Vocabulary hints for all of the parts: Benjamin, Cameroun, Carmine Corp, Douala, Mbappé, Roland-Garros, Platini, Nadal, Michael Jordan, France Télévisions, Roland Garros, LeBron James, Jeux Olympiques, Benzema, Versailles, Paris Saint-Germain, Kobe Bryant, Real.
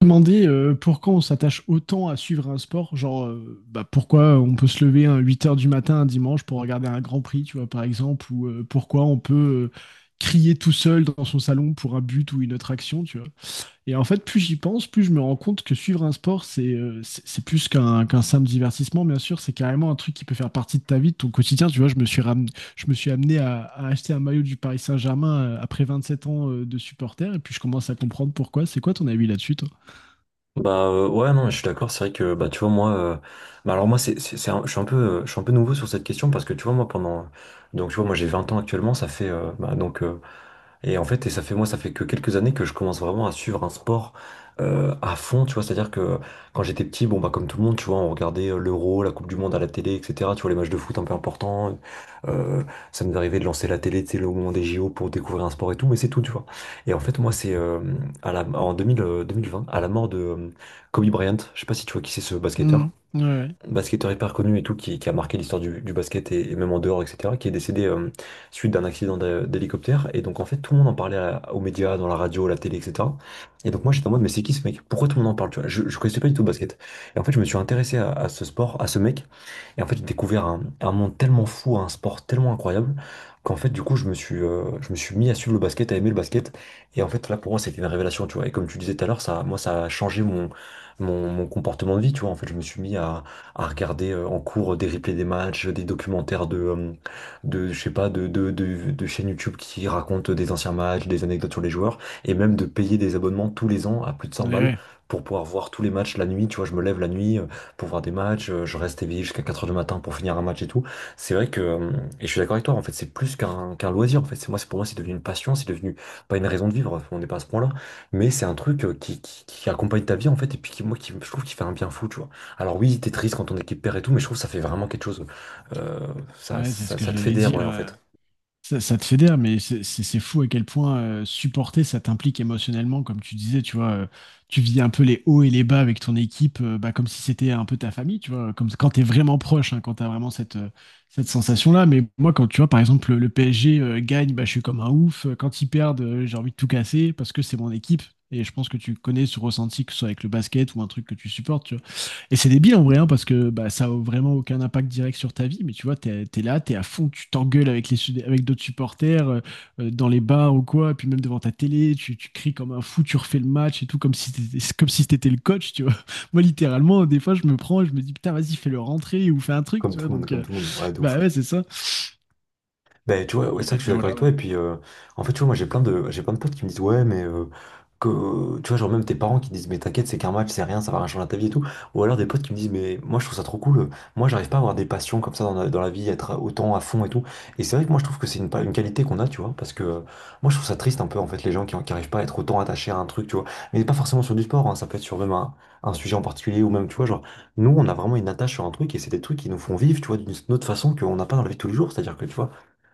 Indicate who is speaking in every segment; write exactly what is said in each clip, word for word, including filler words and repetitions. Speaker 1: Demander euh, pourquoi on s'attache autant à suivre un sport, genre euh, bah, pourquoi on peut se lever à huit heures du matin un dimanche pour regarder un Grand Prix, tu vois, par exemple, ou euh, pourquoi on peut euh, crier tout seul dans son salon pour un but ou une autre action, tu vois. Et en fait, plus j'y pense, plus je me rends compte que suivre un sport, c'est euh, c'est c'est plus qu'un qu'un simple divertissement, bien sûr, c'est carrément un truc qui peut faire partie de ta vie, de ton quotidien, tu vois. Je me suis ram- je me suis amené à, à acheter un maillot du Paris Saint-Germain euh, après sept ans euh, de supporter, et puis je commence à comprendre pourquoi. C'est quoi ton avis là-dessus, toi?
Speaker 2: Bah euh, ouais, non, je suis d'accord. C'est vrai que, bah, tu vois, moi euh, bah alors moi c'est c'est c'est un- je suis un peu euh, je suis un peu nouveau sur cette question, parce que tu vois, moi pendant, donc tu vois, moi j'ai vingt ans actuellement, ça fait euh, bah, donc euh, et en fait, et ça fait moi, ça fait que quelques années que je commence vraiment à suivre un sport euh, à fond, tu vois. C'est-à-dire que quand j'étais petit, bon bah comme tout le monde, tu vois, on regardait euh, l'Euro, la Coupe du Monde à la télé, et cetera. Tu vois, les matchs de foot un peu importants. Euh, Ça nous arrivait de lancer la télé, tu sais, au moment des J O pour découvrir un sport et tout, mais c'est tout, tu vois. Et en fait, moi, c'est euh, à la en deux mille, euh, deux mille vingt, à la mort de euh, Kobe Bryant. Je sais pas si tu vois qui c'est, ce basketteur
Speaker 1: Mm. Ouais, ouais,
Speaker 2: basketteur hyper connu et tout, qui, qui a marqué l'histoire du, du basket et, et même en dehors, et cetera, qui est décédé euh, suite d'un accident d'hé- d'hélicoptère. Et donc, en fait, tout le monde en parlait à- aux médias, dans la radio, à la télé, et cetera. Et donc moi, j'étais en mode, mais c'est qui ce mec? Pourquoi tout le monde en parle, tu vois? Je, je connaissais pas du tout le basket. Et en fait, je me suis intéressé à, à ce sport, à ce mec. Et en fait, j'ai découvert un, un monde tellement fou, un sport tellement incroyable, qu'en fait, du coup, je me suis, euh, je me suis mis à suivre le basket, à aimer le basket. Et en fait, là, pour moi, c'était une révélation, tu vois. Et comme tu disais tout à l'heure, ça, moi, ça a changé mon, mon, mon comportement de vie, tu vois. En fait, je me suis mis à, à regarder euh, en cours des replays des matchs, des documentaires de, euh, de, je sais pas, de, de, de, de chaînes YouTube qui racontent des anciens matchs, des anecdotes sur les joueurs, et même de payer des abonnements tous les ans à plus de cent
Speaker 1: ouais,
Speaker 2: balles
Speaker 1: ouais.
Speaker 2: pour pouvoir voir tous les matchs la nuit. Tu vois, je me lève la nuit, euh, pour voir des matchs, euh, je reste éveillé jusqu'à quatre heures du matin pour finir un match et tout. C'est vrai que, euh, et je suis d'accord avec toi, en fait, c'est plus qu'un qu'un loisir, en fait. C'est moi, c'est pour moi, c'est devenu une passion, c'est devenu pas une raison de vivre, on n'est pas à ce point-là, mais c'est un truc euh, qui, qui, qui accompagne ta vie, en fait, et puis qui, moi, qui, je trouve qu'il fait un bien fou, tu vois. Alors oui, t'es triste quand ton équipe perd et tout, mais je trouve que ça fait vraiment quelque chose. Euh, ça,
Speaker 1: Ouais, c'est ce
Speaker 2: ça,
Speaker 1: que
Speaker 2: ça te
Speaker 1: j'allais
Speaker 2: fédère,
Speaker 1: dire.
Speaker 2: ouais, en
Speaker 1: euh,
Speaker 2: fait.
Speaker 1: Ça, ça te fédère, mais c'est c'est- c'est fou à quel point euh, supporter, ça t'implique émotionnellement, comme tu disais, tu vois, euh, tu vis un peu les hauts et les bas avec ton équipe, euh, bah, comme si c'était un peu ta famille, tu vois, comme quand t'es vraiment proche, hein, quand t'as vraiment cette, euh, cette sensation-là. Mais moi, quand tu vois, par exemple, le, le P S G euh, gagne, bah, je suis comme un ouf. Quand ils perdent, euh, j'ai envie de tout casser parce que c'est mon équipe. Et je pense que tu connais ce ressenti, que ce soit avec le basket ou un truc que tu supportes, et c'est débile en vrai, hein, parce que bah, ça a vraiment aucun impact direct sur ta vie, mais tu vois, t'es, t'es là, t'es à fond, tu t'engueules avec les, sud- avec d'autres supporters, euh, euh, dans les bars ou quoi, puis même devant ta télé, tu, tu cries comme un fou, tu refais le match et tout, comme si t'étais, c'est comme si t'étais le coach, tu vois. Moi, littéralement, des fois, je me prends, je me dis, putain, vas-y, fais-le rentrer ou fais un truc,
Speaker 2: Comme
Speaker 1: tu vois,
Speaker 2: tout le monde,
Speaker 1: donc,
Speaker 2: comme
Speaker 1: euh,
Speaker 2: tout le monde. Ouais, de
Speaker 1: bah
Speaker 2: ouf.
Speaker 1: ouais, c'est ça.
Speaker 2: Ben, tu vois, ouais,
Speaker 1: Et,
Speaker 2: c'est vrai
Speaker 1: euh,
Speaker 2: que je
Speaker 1: et
Speaker 2: suis d'accord
Speaker 1: voilà,
Speaker 2: avec
Speaker 1: ouais.
Speaker 2: toi. Et puis, euh, en fait, tu vois, moi, j'ai plein de, j'ai plein de potes qui me disent, ouais, mais euh, que, tu vois, genre même tes parents qui disent, mais t'inquiète, c'est qu'un match, c'est rien, ça va rien changer à ta vie et tout. Ou alors des potes qui me disent, mais moi, je trouve ça trop cool. euh, Moi, j'arrive pas à avoir des passions comme ça dans la, dans la vie, être autant à fond et tout. Et c'est vrai que moi, je trouve que c'est une, pa- une qualité qu'on a, tu vois, parce que euh, moi, je trouve ça triste un peu, en fait, les gens qui, qui arrivent pas à être autant attachés à un truc, tu vois. Mais pas forcément sur du sport, hein, ça peut être sur même un, un sujet en particulier, ou même, tu vois, genre, nous, on a vraiment une attache sur un truc, et c'est des trucs qui nous font vivre, tu vois, d'une autre façon qu'on n'a pas dans la vie de tous les jours. C'est-à-dire que, tu vois,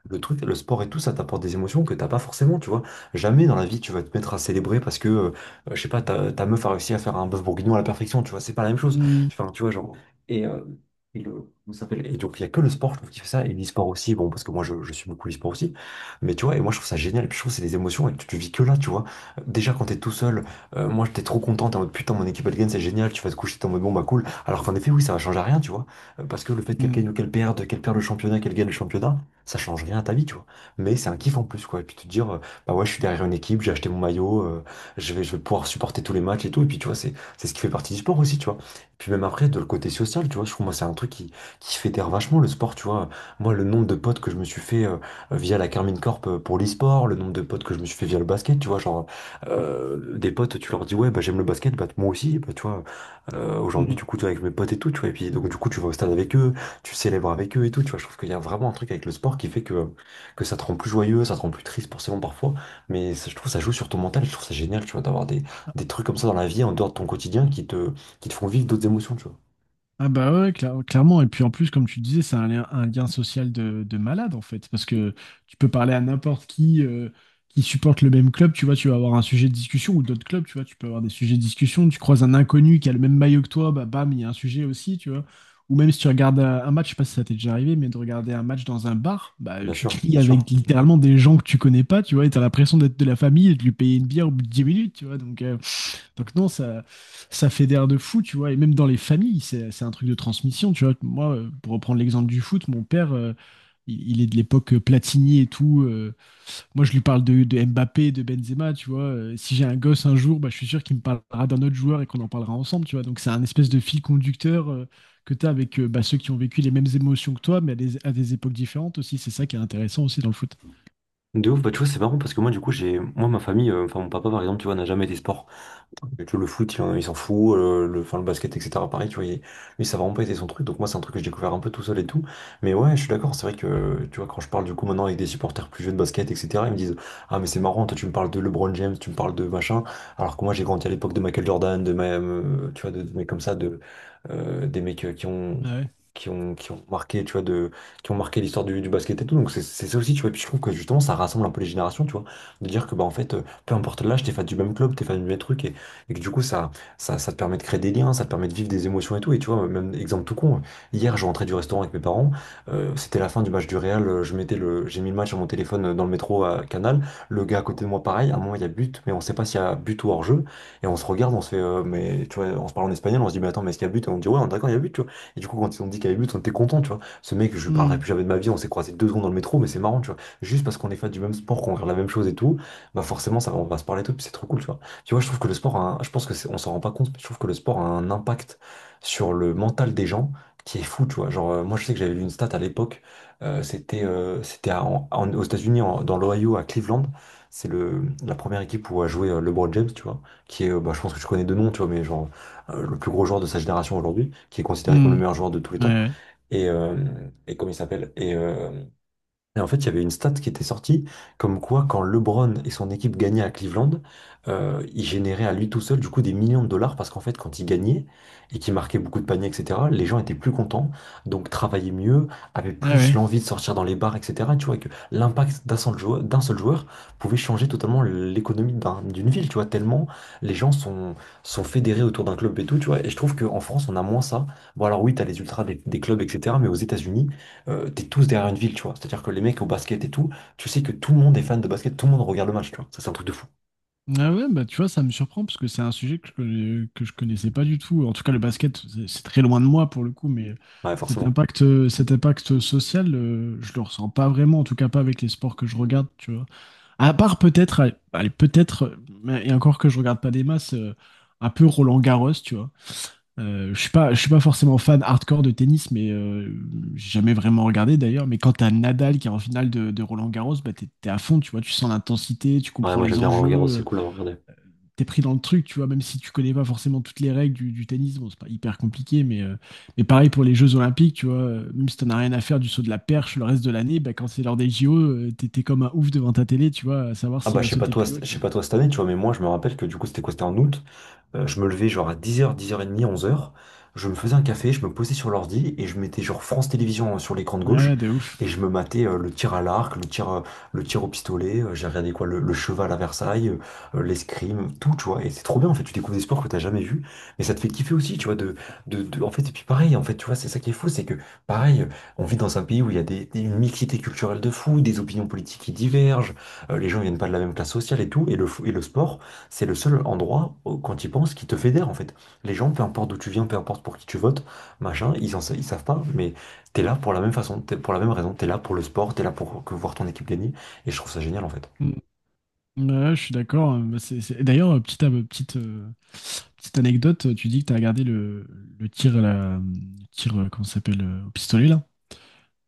Speaker 2: le truc, le sport et tout, ça t'apporte des émotions que t'as pas forcément, tu vois. Jamais dans la vie tu vas te mettre à célébrer parce que, euh, je sais pas, ta, ta meuf a réussi à faire un bœuf bourguignon à la perfection, tu vois. C'est pas la même chose.
Speaker 1: Mm,
Speaker 2: Enfin, tu vois, genre. Et, euh, et le- comment ça s'appelle? Et donc il y a que le sport, je trouve, qui fait ça. Et l'e-sport aussi, bon, parce que moi, je, je suis beaucoup l'e-sport aussi. Mais tu vois, et moi, je trouve ça génial. Puis je trouve que c'est des émotions, et que tu tu vis que là, tu vois. Déjà quand t'es tout seul, euh, moi, j'étais trop content. T'es en mode, putain, mon équipe, elle gagne, c'est génial. Tu vas te coucher, t'es en mode, bon, bah, cool. Alors qu'en effet, oui, ça va changer à rien, tu vois. Euh, Parce que le fait qu'elle gagne
Speaker 1: mm,
Speaker 2: ou qu'elle perde, qu'elle perde le championnat, qu'elle gagne le championnat, ça change rien à ta vie, tu vois. Mais c'est un kiff en plus, quoi. Et puis te dire, euh, bah ouais, je suis derrière une équipe, j'ai acheté mon maillot, euh, je vais, je vais pouvoir supporter tous les matchs et tout. Et puis, tu vois, c'est, c'est ce qui fait partie du sport aussi, tu vois. Et puis même après, de le côté social, tu vois, je trouve, moi, c'est un truc qui, qui fédère vachement le sport, tu vois. Moi, le nombre de potes que je me suis fait euh, via la Carmine Corp euh, pour l'e-sport, le nombre de potes que je me suis fait via le basket, tu vois, genre, euh, des potes, tu leur dis, ouais, bah j'aime le basket, bah moi aussi, bah tu vois, euh, aujourd'hui,
Speaker 1: mm.
Speaker 2: du coup, tu vois, avec mes potes et tout, tu vois. Et puis, donc, du coup, tu vas au stade avec eux, tu célèbres avec eux et tout, tu vois, je trouve qu'il y a vraiment un truc avec le sport qui fait que, que ça te rend plus joyeux, ça te rend plus triste forcément parfois, mais ça, je trouve ça joue sur ton mental, je trouve ça génial, tu vois, d'avoir des, des trucs comme ça dans la vie, en dehors de ton quotidien, qui te, qui te font vivre d'autres émotions, tu vois.
Speaker 1: Ah bah ouais, cla- clairement. Et puis en plus, comme tu disais, c'est un lien, un lien social de, de malade en fait. Parce que tu peux parler à n'importe qui euh, qui supporte le même club, tu vois, tu vas avoir un sujet de discussion ou d'autres clubs, tu vois, tu peux avoir des sujets de discussion. Tu croises un inconnu qui a le même maillot que toi, bah bam, il y a un sujet aussi, tu vois. Ou même si tu regardes un un match, je sais pas si ça t'est déjà arrivé, mais de regarder un match dans un bar, bah
Speaker 2: Bien
Speaker 1: tu
Speaker 2: sûr,
Speaker 1: cries
Speaker 2: bien sûr.
Speaker 1: avec littéralement des gens que tu connais pas, tu vois, et t'as l'impression d'être de la famille et de lui payer une bière au bout de dix minutes, tu vois. Donc euh, donc non, ça, ça fédère de fou, tu vois. Et même dans les familles, c'est, c'est un truc de transmission, tu vois. Moi, euh, pour reprendre l'exemple du foot, mon père, euh, il, il est de l'époque euh, Platini et tout. Euh, moi, je lui parle de, de Mbappé, de Benzema, tu vois. Euh, si j'ai un gosse un jour, bah, je suis sûr qu'il me parlera d'un autre joueur et qu'on en parlera ensemble, tu vois. Donc c'est un espèce de fil conducteur euh, que tu as avec euh, bah, ceux qui ont vécu les mêmes émotions que toi, mais à des, à des époques différentes aussi. C'est ça qui est intéressant aussi dans le foot.
Speaker 2: De ouf, bah tu vois, c'est marrant parce que moi, du coup, j'ai, moi, ma famille, euh, enfin, mon papa, par exemple, tu vois, n'a jamais été sport. Mais tu vois, le foot, il en- il s'en fout, euh, le, enfin, le basket, et cetera. Pareil, tu vois, il- lui, ça a vraiment pas été son truc, donc moi, c'est un truc que j'ai découvert un peu tout seul et tout. Mais ouais, je suis d'accord, c'est vrai que, tu vois, quand je parle du coup maintenant avec des supporters plus jeunes de basket, et cetera, ils me disent, ah, mais c'est marrant, toi, tu me parles de LeBron James, tu me parles de machin, alors que moi, j'ai grandi à l'époque de Michael Jordan, de, ma- euh, tu vois, de, de mecs comme ça, de, euh, des mecs euh, qui ont.
Speaker 1: Ah ouais.
Speaker 2: Qui ont, qui ont marqué, tu vois, de, qui ont marqué l'histoire du, du basket et tout. Donc c'est c'est ça aussi, tu vois. Et puis je trouve que justement, ça rassemble un peu les générations, tu vois. De dire que, bah, en fait, euh, peu importe l'âge, t'es fan du même club, t'es fan du même truc. Et que du coup, ça, ça, ça te permet de créer des liens, ça te permet de vivre des émotions et tout. Et tu vois, même exemple tout con, hier, je rentrais du restaurant avec mes parents, euh, c'était la fin du match du Real, euh, je mettais le, j'ai mis le match sur mon téléphone euh, dans le métro à Canal, le gars à côté de moi, pareil, à un moment, il y a but, mais on sait pas s'il y a but ou hors-jeu, et on se regarde, on se fait, euh, mais tu vois, on se parle en espagnol, on se dit, mais attends, mais est-ce qu'il y a but? Et on dit, ouais, on est d'accord, il y a but, tu vois. Et du coup, quand ils ont dit qu'il y avait but, on était content, tu vois. Ce mec, je lui parlerai
Speaker 1: Hmm.
Speaker 2: plus jamais de ma vie, on s'est croisé deux secondes dans le métro, mais c'est marrant, tu vois. Juste parce qu'on est fan du même sport, qu'on regarde la même chose et tout, bah forcément, ça, va- on va se parler et tout, puis c'est trop cool, tu vois. Tu vois, je trouve que le sport, a un- je pense que c'est- on s'en rend pas compte, mais je trouve que le sport a un impact sur le mental des gens qui est fou, tu vois. Genre, euh, moi, je sais que j'avais lu une stat à l'époque. euh, c'était euh, c'était à- en- en- aux États-Unis, en- dans l'Ohio, à Cleveland. C'est le la première équipe où a joué euh, LeBron James, tu vois, qui est, euh, bah, je pense que je connais de nom, tu vois, mais genre euh, le plus gros joueur de sa génération aujourd'hui, qui est considéré comme le
Speaker 1: Hmm.
Speaker 2: meilleur joueur de tous les
Speaker 1: Ouais,
Speaker 2: temps.
Speaker 1: ouais.
Speaker 2: Et, euh, et comment il s'appelle? Et, euh, et en fait, il y avait une stat qui était sortie, comme quoi quand LeBron et son équipe gagnaient à Cleveland, euh, il générait à lui tout seul du coup des millions de dollars parce qu'en fait, quand il gagnait et qu'il marquait beaucoup de paniers, et cetera, les gens étaient plus contents, donc travaillaient mieux, avaient
Speaker 1: Ah
Speaker 2: plus
Speaker 1: ouais.
Speaker 2: l'envie de sortir dans les bars, et cetera. Tu vois, et que l'impact d'un seul joueur, d'un seul joueur pouvait changer totalement l'économie d'un- d'une ville, tu vois, tellement les gens sont, sont, fédérés autour d'un club et tout, tu vois. Et je trouve qu'en France, on a moins ça. Bon, alors oui, t'as les ultras des, des clubs, et cetera, mais aux États-Unis, euh, t'es tous derrière une ville, tu vois. C'est-à-dire que les mecs au basket et tout, tu sais que tout le monde est fan de basket, tout le monde regarde le match, tu vois. Ça, c'est un truc de fou.
Speaker 1: Ah ouais, bah tu vois, ça me surprend parce que c'est un sujet que je, connais- que je connaissais pas du tout. En tout cas, le basket, c'est c'est très loin de moi pour le coup, mais
Speaker 2: Ouais,
Speaker 1: cet
Speaker 2: forcément.
Speaker 1: impact, euh, cet impact social, euh, je le ressens pas vraiment, en tout cas pas avec les sports que je regarde, tu vois. À part peut-être, allez, allez, peut-être, euh, mais- et encore que je regarde pas des masses, euh, un peu Roland-Garros, tu vois. Euh, je suis pas, je suis pas forcément fan hardcore de tennis, mais euh, j'ai jamais vraiment regardé d'ailleurs. Mais quand t'as Nadal qui est en finale de, de Roland-Garros, bah t'es t'es à fond, tu vois, tu sens l'intensité, tu
Speaker 2: Ouais,
Speaker 1: comprends
Speaker 2: moi j'aime
Speaker 1: les
Speaker 2: bien Roland Garros, c'est
Speaker 1: enjeux,
Speaker 2: cool à regarder.
Speaker 1: t'es pris dans le truc, tu vois, même si tu connais pas forcément toutes les règles du, du tennis, bon, c'est pas hyper compliqué, mais, euh, mais pareil pour les Jeux Olympiques, tu vois, euh, même si t'en as rien à faire du saut de la perche le reste de l'année, bah, quand c'est l'heure des J O, euh, t'es t'es comme un ouf devant ta télé, tu vois, à savoir
Speaker 2: Ah
Speaker 1: s'il
Speaker 2: bah
Speaker 1: va
Speaker 2: je sais pas
Speaker 1: sauter
Speaker 2: toi,
Speaker 1: plus haut,
Speaker 2: je
Speaker 1: tu
Speaker 2: sais
Speaker 1: vois.
Speaker 2: pas toi cette année, tu vois, mais moi je me rappelle que du coup c'était quoi? C'était en août. Euh, je me levais genre à dix heures, dix heures trente, onze heures. Je me faisais un café, je me posais sur l'ordi et je mettais genre France Télévisions hein, sur l'écran de gauche
Speaker 1: Ouais, de ouf.
Speaker 2: et je me matais euh, le tir à l'arc, le tir, euh, le tir au pistolet, euh, j'ai regardé quoi, le, le cheval à Versailles, euh, l'escrime, tout, tu vois. Et c'est trop bien en fait, tu découvres des sports que t'as jamais vus, mais ça te fait kiffer aussi, tu vois, de, de, de- en fait, et puis pareil, en fait, tu vois, c'est ça qui est fou, c'est que pareil, on vit dans un pays où il y a des, des- une mixité culturelle de fou, des opinions politiques qui divergent, euh, les gens viennent pas de la même classe sociale et tout, et le, fo- et le sport. C'est le seul endroit, au- quand tu y penses, qui te fédère en fait. Les gens, peu importe d'où tu viens, peu importe pour qui tu votes, machin, ils, en, sa- ils savent pas, mais t'es là pour la même façon, t'es pour la même raison, t'es là pour le sport, t'es là pour que voir ton équipe gagner, et je trouve ça génial en fait.
Speaker 1: Mm. Ouais, je suis d'accord. Euh, bah, c'est- c'est- d'ailleurs, euh, petite, euh, petite, euh, petite anecdote, euh, tu dis que t'as regardé le, le tir, à la, le tir, euh, comment ça s'appelle, euh, au pistolet, là?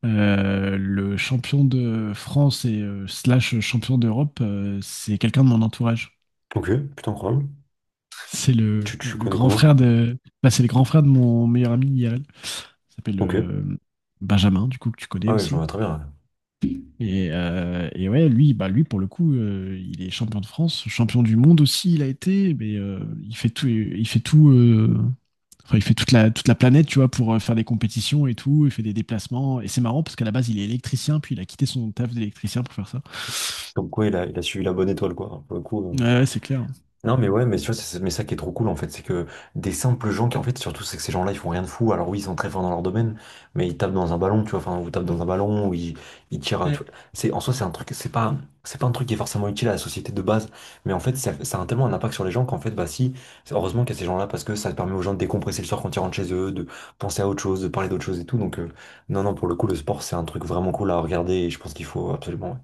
Speaker 1: Euh, le champion de France et euh, slash champion d'Europe, euh, c'est quelqu'un de mon entourage.
Speaker 2: Ok, putain, incroyable.
Speaker 1: C'est le,
Speaker 2: Tu, tu
Speaker 1: le
Speaker 2: connais
Speaker 1: grand frère
Speaker 2: comment?
Speaker 1: de... Bah, c'est le grand frère de mon meilleur ami I R L. Il s'appelle
Speaker 2: Ok.
Speaker 1: euh, Benjamin, du coup, que tu connais
Speaker 2: Ah ouais je
Speaker 1: aussi.
Speaker 2: vois très bien.
Speaker 1: Et, euh, et ouais, lui, bah, lui, pour le coup, euh, il est champion de France, champion du monde aussi, il a été, mais euh, il fait tout, il fait tout, euh, enfin, il fait toute la, toute la planète, tu vois, pour euh, faire des compétitions et tout. Il fait des déplacements. Et c'est marrant parce qu'à la base, il est électricien, puis il a quitté son taf d'électricien pour faire ça.
Speaker 2: Comme quoi, il a, il a suivi la bonne étoile, quoi. Pour le coup, euh,
Speaker 1: Ouais, ouais, c'est clair.
Speaker 2: non mais ouais, mais tu vois, c'est mais ça qui est trop cool en fait, c'est que des simples gens qui en fait, surtout, c'est que ces gens-là, ils font rien de fou. Alors oui, ils sont très forts dans leur domaine, mais ils tapent dans un ballon, tu vois, enfin, ou tapent dans un ballon, ou ils, ils tirent à- tu vois, c'est en soi, c'est un truc, c'est pas c'est pas un truc qui est forcément utile à la société de base, mais en fait ça, ça a tellement un impact sur les gens qu'en fait, bah si, c'est- heureusement qu'il y a ces gens-là parce que ça permet aux gens de décompresser le soir quand ils rentrent chez eux, de penser à autre chose, de parler d'autre chose et tout. Donc euh, non non, pour le coup, le sport, c'est un truc vraiment cool à regarder et je pense qu'il faut absolument